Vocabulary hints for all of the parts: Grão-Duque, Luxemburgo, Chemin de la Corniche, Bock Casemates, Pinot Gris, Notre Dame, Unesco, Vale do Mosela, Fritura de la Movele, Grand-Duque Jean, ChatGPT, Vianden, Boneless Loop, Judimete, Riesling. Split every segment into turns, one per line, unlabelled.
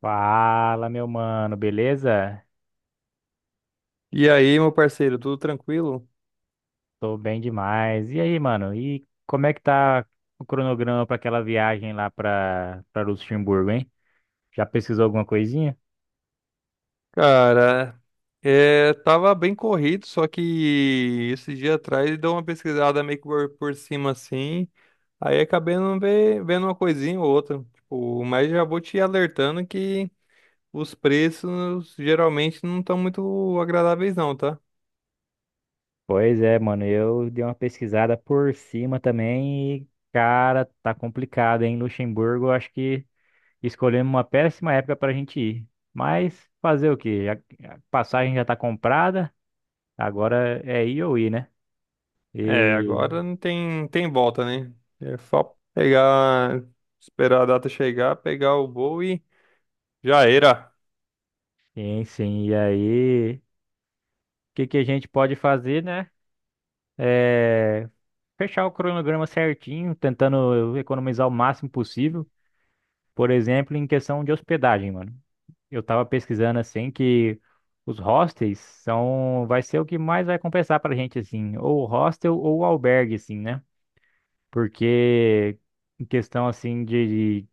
Fala, meu mano, beleza?
E aí, meu parceiro, tudo tranquilo?
Tô bem demais. E aí, mano? E como é que tá o cronograma pra aquela viagem lá pra para Luxemburgo, hein? Já pesquisou alguma coisinha?
Cara, tava bem corrido, só que esse dia atrás deu uma pesquisada meio que por cima assim, aí acabei não vendo uma coisinha ou outra, tipo, mas já vou te alertando que os preços geralmente não estão muito agradáveis não, tá?
Pois é, mano, eu dei uma pesquisada por cima também e, cara, tá complicado, hein? Luxemburgo, eu acho que escolhemos uma péssima época pra gente ir. Mas fazer o quê? A passagem já tá comprada, agora é ir ou ir, né?
É,
E,
agora não tem volta, né? É só pegar, esperar a data chegar, pegar o voo e já era.
sim, sim, e aí? Que a gente pode fazer, né? É fechar o cronograma certinho, tentando economizar o máximo possível. Por exemplo, em questão de hospedagem, mano. Eu tava pesquisando assim que os hostels são, vai ser o que mais vai compensar pra gente, assim, ou hostel ou albergue, assim, né? Porque em questão assim de,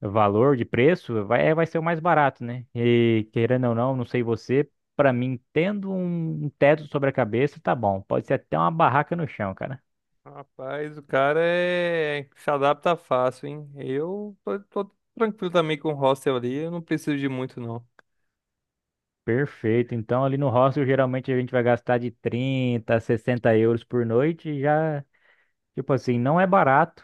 valor de preço, vai ser o mais barato, né? E querendo ou não, não sei você, pra mim, tendo um teto sobre a cabeça, tá bom. Pode ser até uma barraca no chão, cara.
Rapaz, o cara é se adapta fácil, hein? Tô tranquilo também com o hostel ali, eu não preciso de muito, não.
Perfeito. Então, ali no hostel, geralmente a gente vai gastar de 30 a 60 € por noite. Já, tipo assim, não é barato,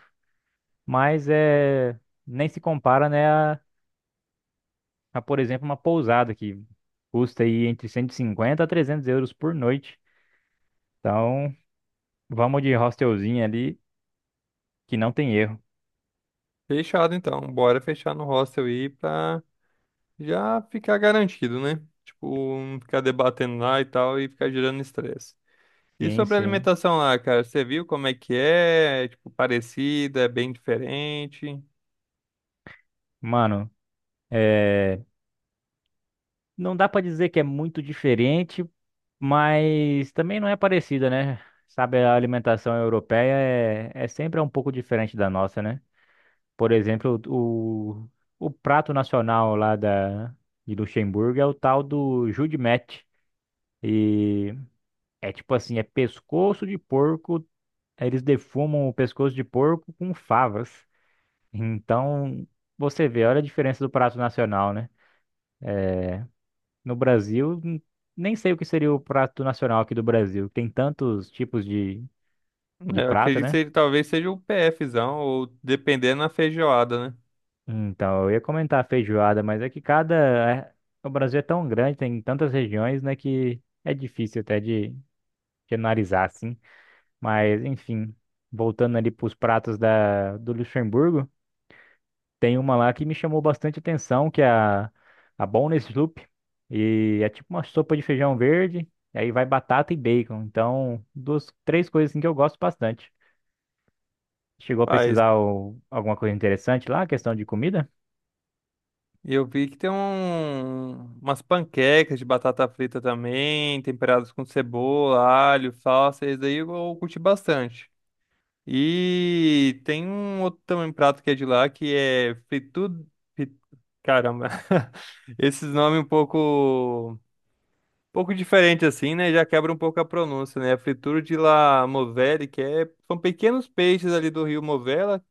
mas é nem se compara, né, por exemplo, uma pousada que custa aí entre 150 a 300 € por noite. Então, vamos de hostelzinho ali, que não tem erro.
Fechado então, bora fechar no hostel aí pra já ficar garantido, né? Tipo, não ficar debatendo lá e tal e ficar gerando estresse. E
Sim,
sobre a
sim.
alimentação lá, cara, você viu como é que é? É, tipo, parecida, é bem diferente.
Mano, é... não dá pra dizer que é muito diferente, mas também não é parecida, né? Sabe, a alimentação europeia é sempre um pouco diferente da nossa, né? Por exemplo, o prato nacional lá da... de Luxemburgo é o tal do Judimete. E é tipo assim, é pescoço de porco, eles defumam o pescoço de porco com favas. Então, você vê, olha a diferença do prato nacional, né? No Brasil, nem sei o que seria o prato nacional aqui do Brasil. Tem tantos tipos de
É, eu
prato,
acredito que
né?
ele talvez seja o PFzão, ou dependendo da feijoada, né?
Então, eu ia comentar a feijoada, mas é que é- o Brasil é tão grande, tem tantas regiões, né, que é difícil até de analisar, assim. Mas, enfim, voltando ali para os pratos do Luxemburgo. Tem uma lá que me chamou bastante atenção, que é a Boneless Loop. E é tipo uma sopa de feijão verde, e aí vai batata e bacon. Então, duas, três coisas assim que eu gosto bastante. Chegou a
Paz,
pesquisar alguma coisa interessante lá, questão de comida?
e eu vi que tem umas panquecas de batata frita também, temperadas com cebola, alho, salsa, esse daí eu curti bastante. E tem um outro também prato que é de lá, que é fri- caramba, esses nomes um pouco diferente assim, né? Já quebra um pouco a pronúncia, né? Fritura de la Movele, que é são pequenos peixes ali do rio Movela,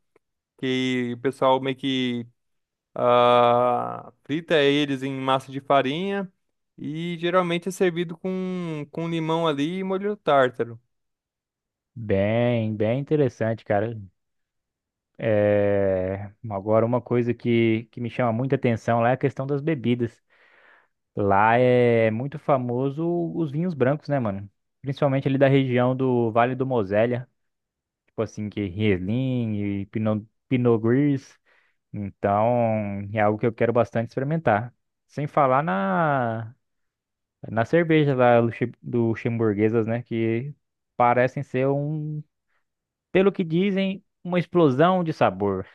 que o pessoal meio que ah, frita eles em massa de farinha e geralmente é servido com limão ali e molho tártaro.
Bem, bem interessante, cara. É, agora, uma coisa que me chama muita atenção lá é a questão das bebidas. Lá é muito famoso os vinhos brancos, né, mano? Principalmente ali da região do Vale do Mosela. Tipo assim, que Riesling e Pinot Gris. Então, é algo que eu quero bastante experimentar. Sem falar na cerveja lá luxemburguesas, né? Que parecem ser um, pelo que dizem, uma explosão de sabor.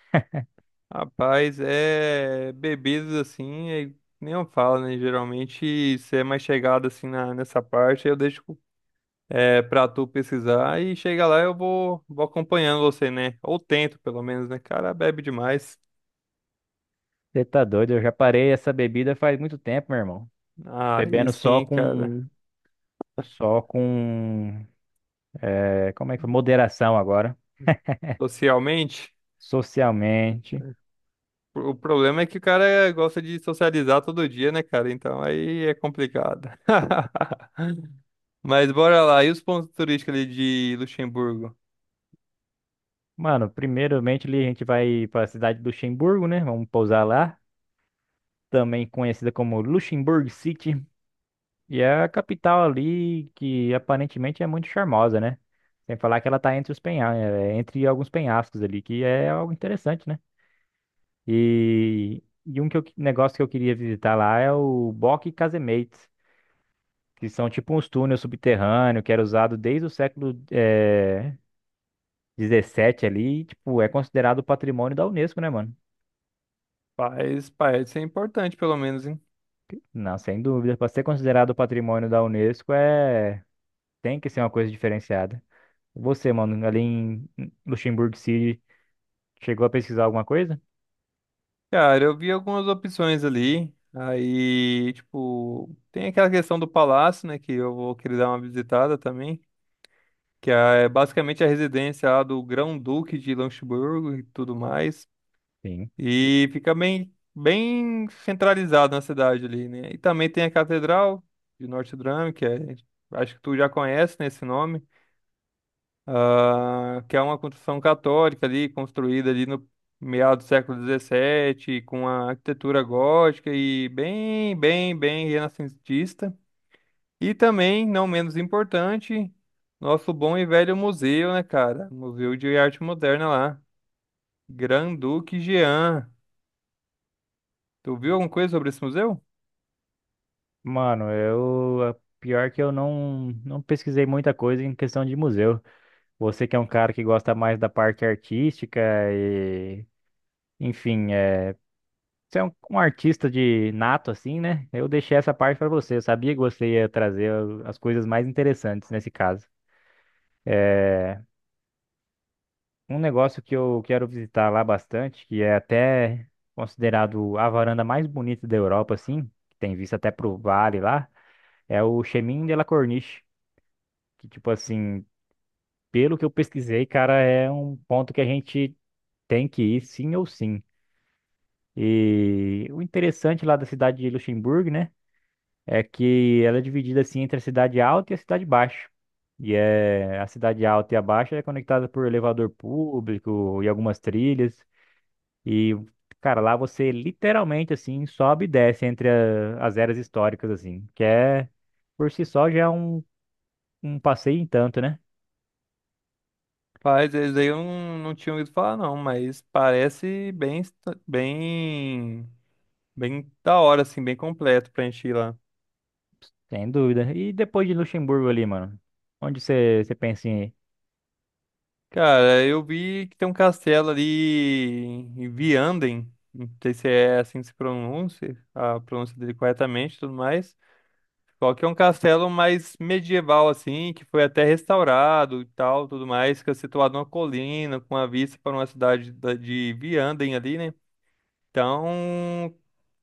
Rapaz, é bebidas assim, é- nem eu falo, né? Geralmente, se é mais chegado assim nessa parte, eu deixo pra tu pesquisar e chega lá vou acompanhando você, né? Ou tento, pelo menos, né? Cara, bebe demais.
Você tá doido? Eu já parei essa bebida faz muito tempo, meu irmão.
Aí
Bebendo
sim, cara.
só com, como é que foi? Moderação agora.
Socialmente.
Socialmente.
O problema é que o cara gosta de socializar todo dia, né, cara? Então aí é complicado. Mas bora lá. E os pontos turísticos ali de Luxemburgo?
Mano, primeiramente ali a gente vai para a cidade do Luxemburgo, né? Vamos pousar lá, também conhecida como Luxemburgo City, e é a capital ali que aparentemente é muito charmosa, né? Sem falar que ela tá entre os entre alguns penhascos ali, que é algo interessante, né? Negócio que eu queria visitar lá é o Bock Casemates, que são tipo uns túneis subterrâneos que era usado desde o século 17 ali, e, tipo, é considerado patrimônio da Unesco, né, mano?
Faz, parece ser importante, pelo menos, hein?
Não, sem dúvida. Para ser considerado patrimônio da Unesco, é... tem que ser uma coisa diferenciada. Você, mano, ali em Luxemburgo City, chegou a pesquisar alguma coisa?
Cara, eu vi algumas opções ali. Aí, tipo, tem aquela questão do palácio, né? Que eu vou querer dar uma visitada também. Que é basicamente a residência lá do Grão-Duque de Luxemburgo e tudo mais.
Sim.
E fica bem centralizado na cidade ali, né? E também tem a Catedral de Notre Dame, acho que tu já conhece, né, esse nome, ah, que é uma construção católica ali, construída ali no meado do século XVII, com a arquitetura gótica e bem renascentista. E também, não menos importante, nosso bom e velho museu, né, cara? Museu de Arte Moderna lá, Grand-Duque Jean. Tu viu alguma coisa sobre esse museu?
Mano, eu. a- Pior que eu não pesquisei muita coisa em questão de museu. Você que é um cara que gosta mais da parte artística e. Enfim, é. Você é um artista de nato, assim, né? Eu deixei essa parte para você. Eu sabia que você ia trazer as coisas mais interessantes nesse caso. Um negócio que eu quero visitar lá bastante, que é até considerado a varanda mais bonita da Europa, assim, que tem vista até pro vale lá, é o Chemin de la Corniche, que, tipo assim, pelo que eu pesquisei, cara, é um ponto que a gente tem que ir sim ou sim. E o interessante lá da cidade de Luxemburgo, né, é que ela é dividida, assim, entre a cidade alta e a cidade baixa. E é, a cidade alta e a baixa é conectada por elevador público e algumas trilhas. E, cara, lá você literalmente, assim, sobe e desce entre as eras históricas, assim, que é, por si só, já é um, um passeio em tanto, né?
Faz, esse daí eu não tinha ouvido falar, não, mas parece bem da hora, assim, bem completo pra gente ir lá.
Sem dúvida. E depois de Luxemburgo ali, mano, onde você pensa em... ir?
Cara, eu vi que tem um castelo ali em Vianden, não sei se é assim que se pronuncia, a pronúncia dele corretamente e tudo mais. Só que é um castelo mais medieval, assim, que foi até restaurado e tal, tudo mais, que é situado numa colina, com uma vista para uma cidade de Vianden ali, né? Então,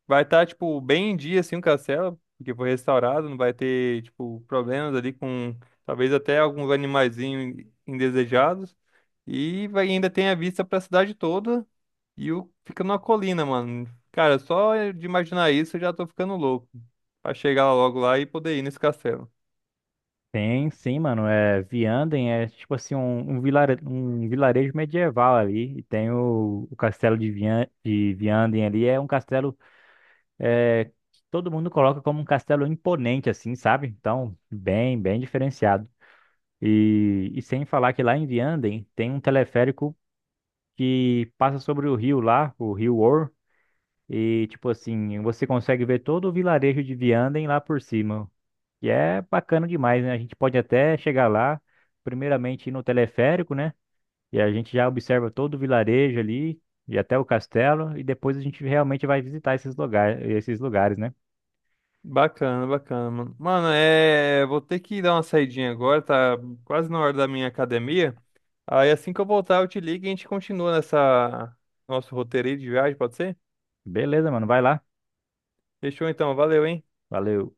vai estar, tipo, bem em dia, assim, o castelo, porque foi restaurado, não vai ter, tipo, problemas talvez até alguns animaizinhos indesejados. E vai, ainda tem a vista pra cidade toda e o, fica numa colina, mano. Cara, só de imaginar isso eu já tô ficando louco. Pra chegar logo lá e poder ir nesse castelo.
Tem, sim, mano, é Vianden, é tipo assim, um vilarejo medieval ali, e tem o castelo de Vianden ali, é um castelo é, que todo mundo coloca como um castelo imponente, assim, sabe? Então, bem, bem diferenciado. E sem falar que lá em Vianden tem um teleférico que passa sobre o rio lá, o rio Or, e tipo assim, você consegue ver todo o vilarejo de Vianden lá por cima. E é bacana demais, né? A gente pode até chegar lá, primeiramente ir no teleférico, né? E a gente já observa todo o vilarejo ali, e até o castelo, e depois a gente realmente vai visitar esses lugares, né?
Bacana, bacana, mano. Mano, é. Vou ter que dar uma saidinha agora, tá quase na hora da minha academia. Aí assim que eu voltar, eu te ligo e a gente continua nessa. Nosso roteiro aí de viagem, pode ser?
Beleza, mano, vai lá.
Fechou então, valeu, hein?
Valeu.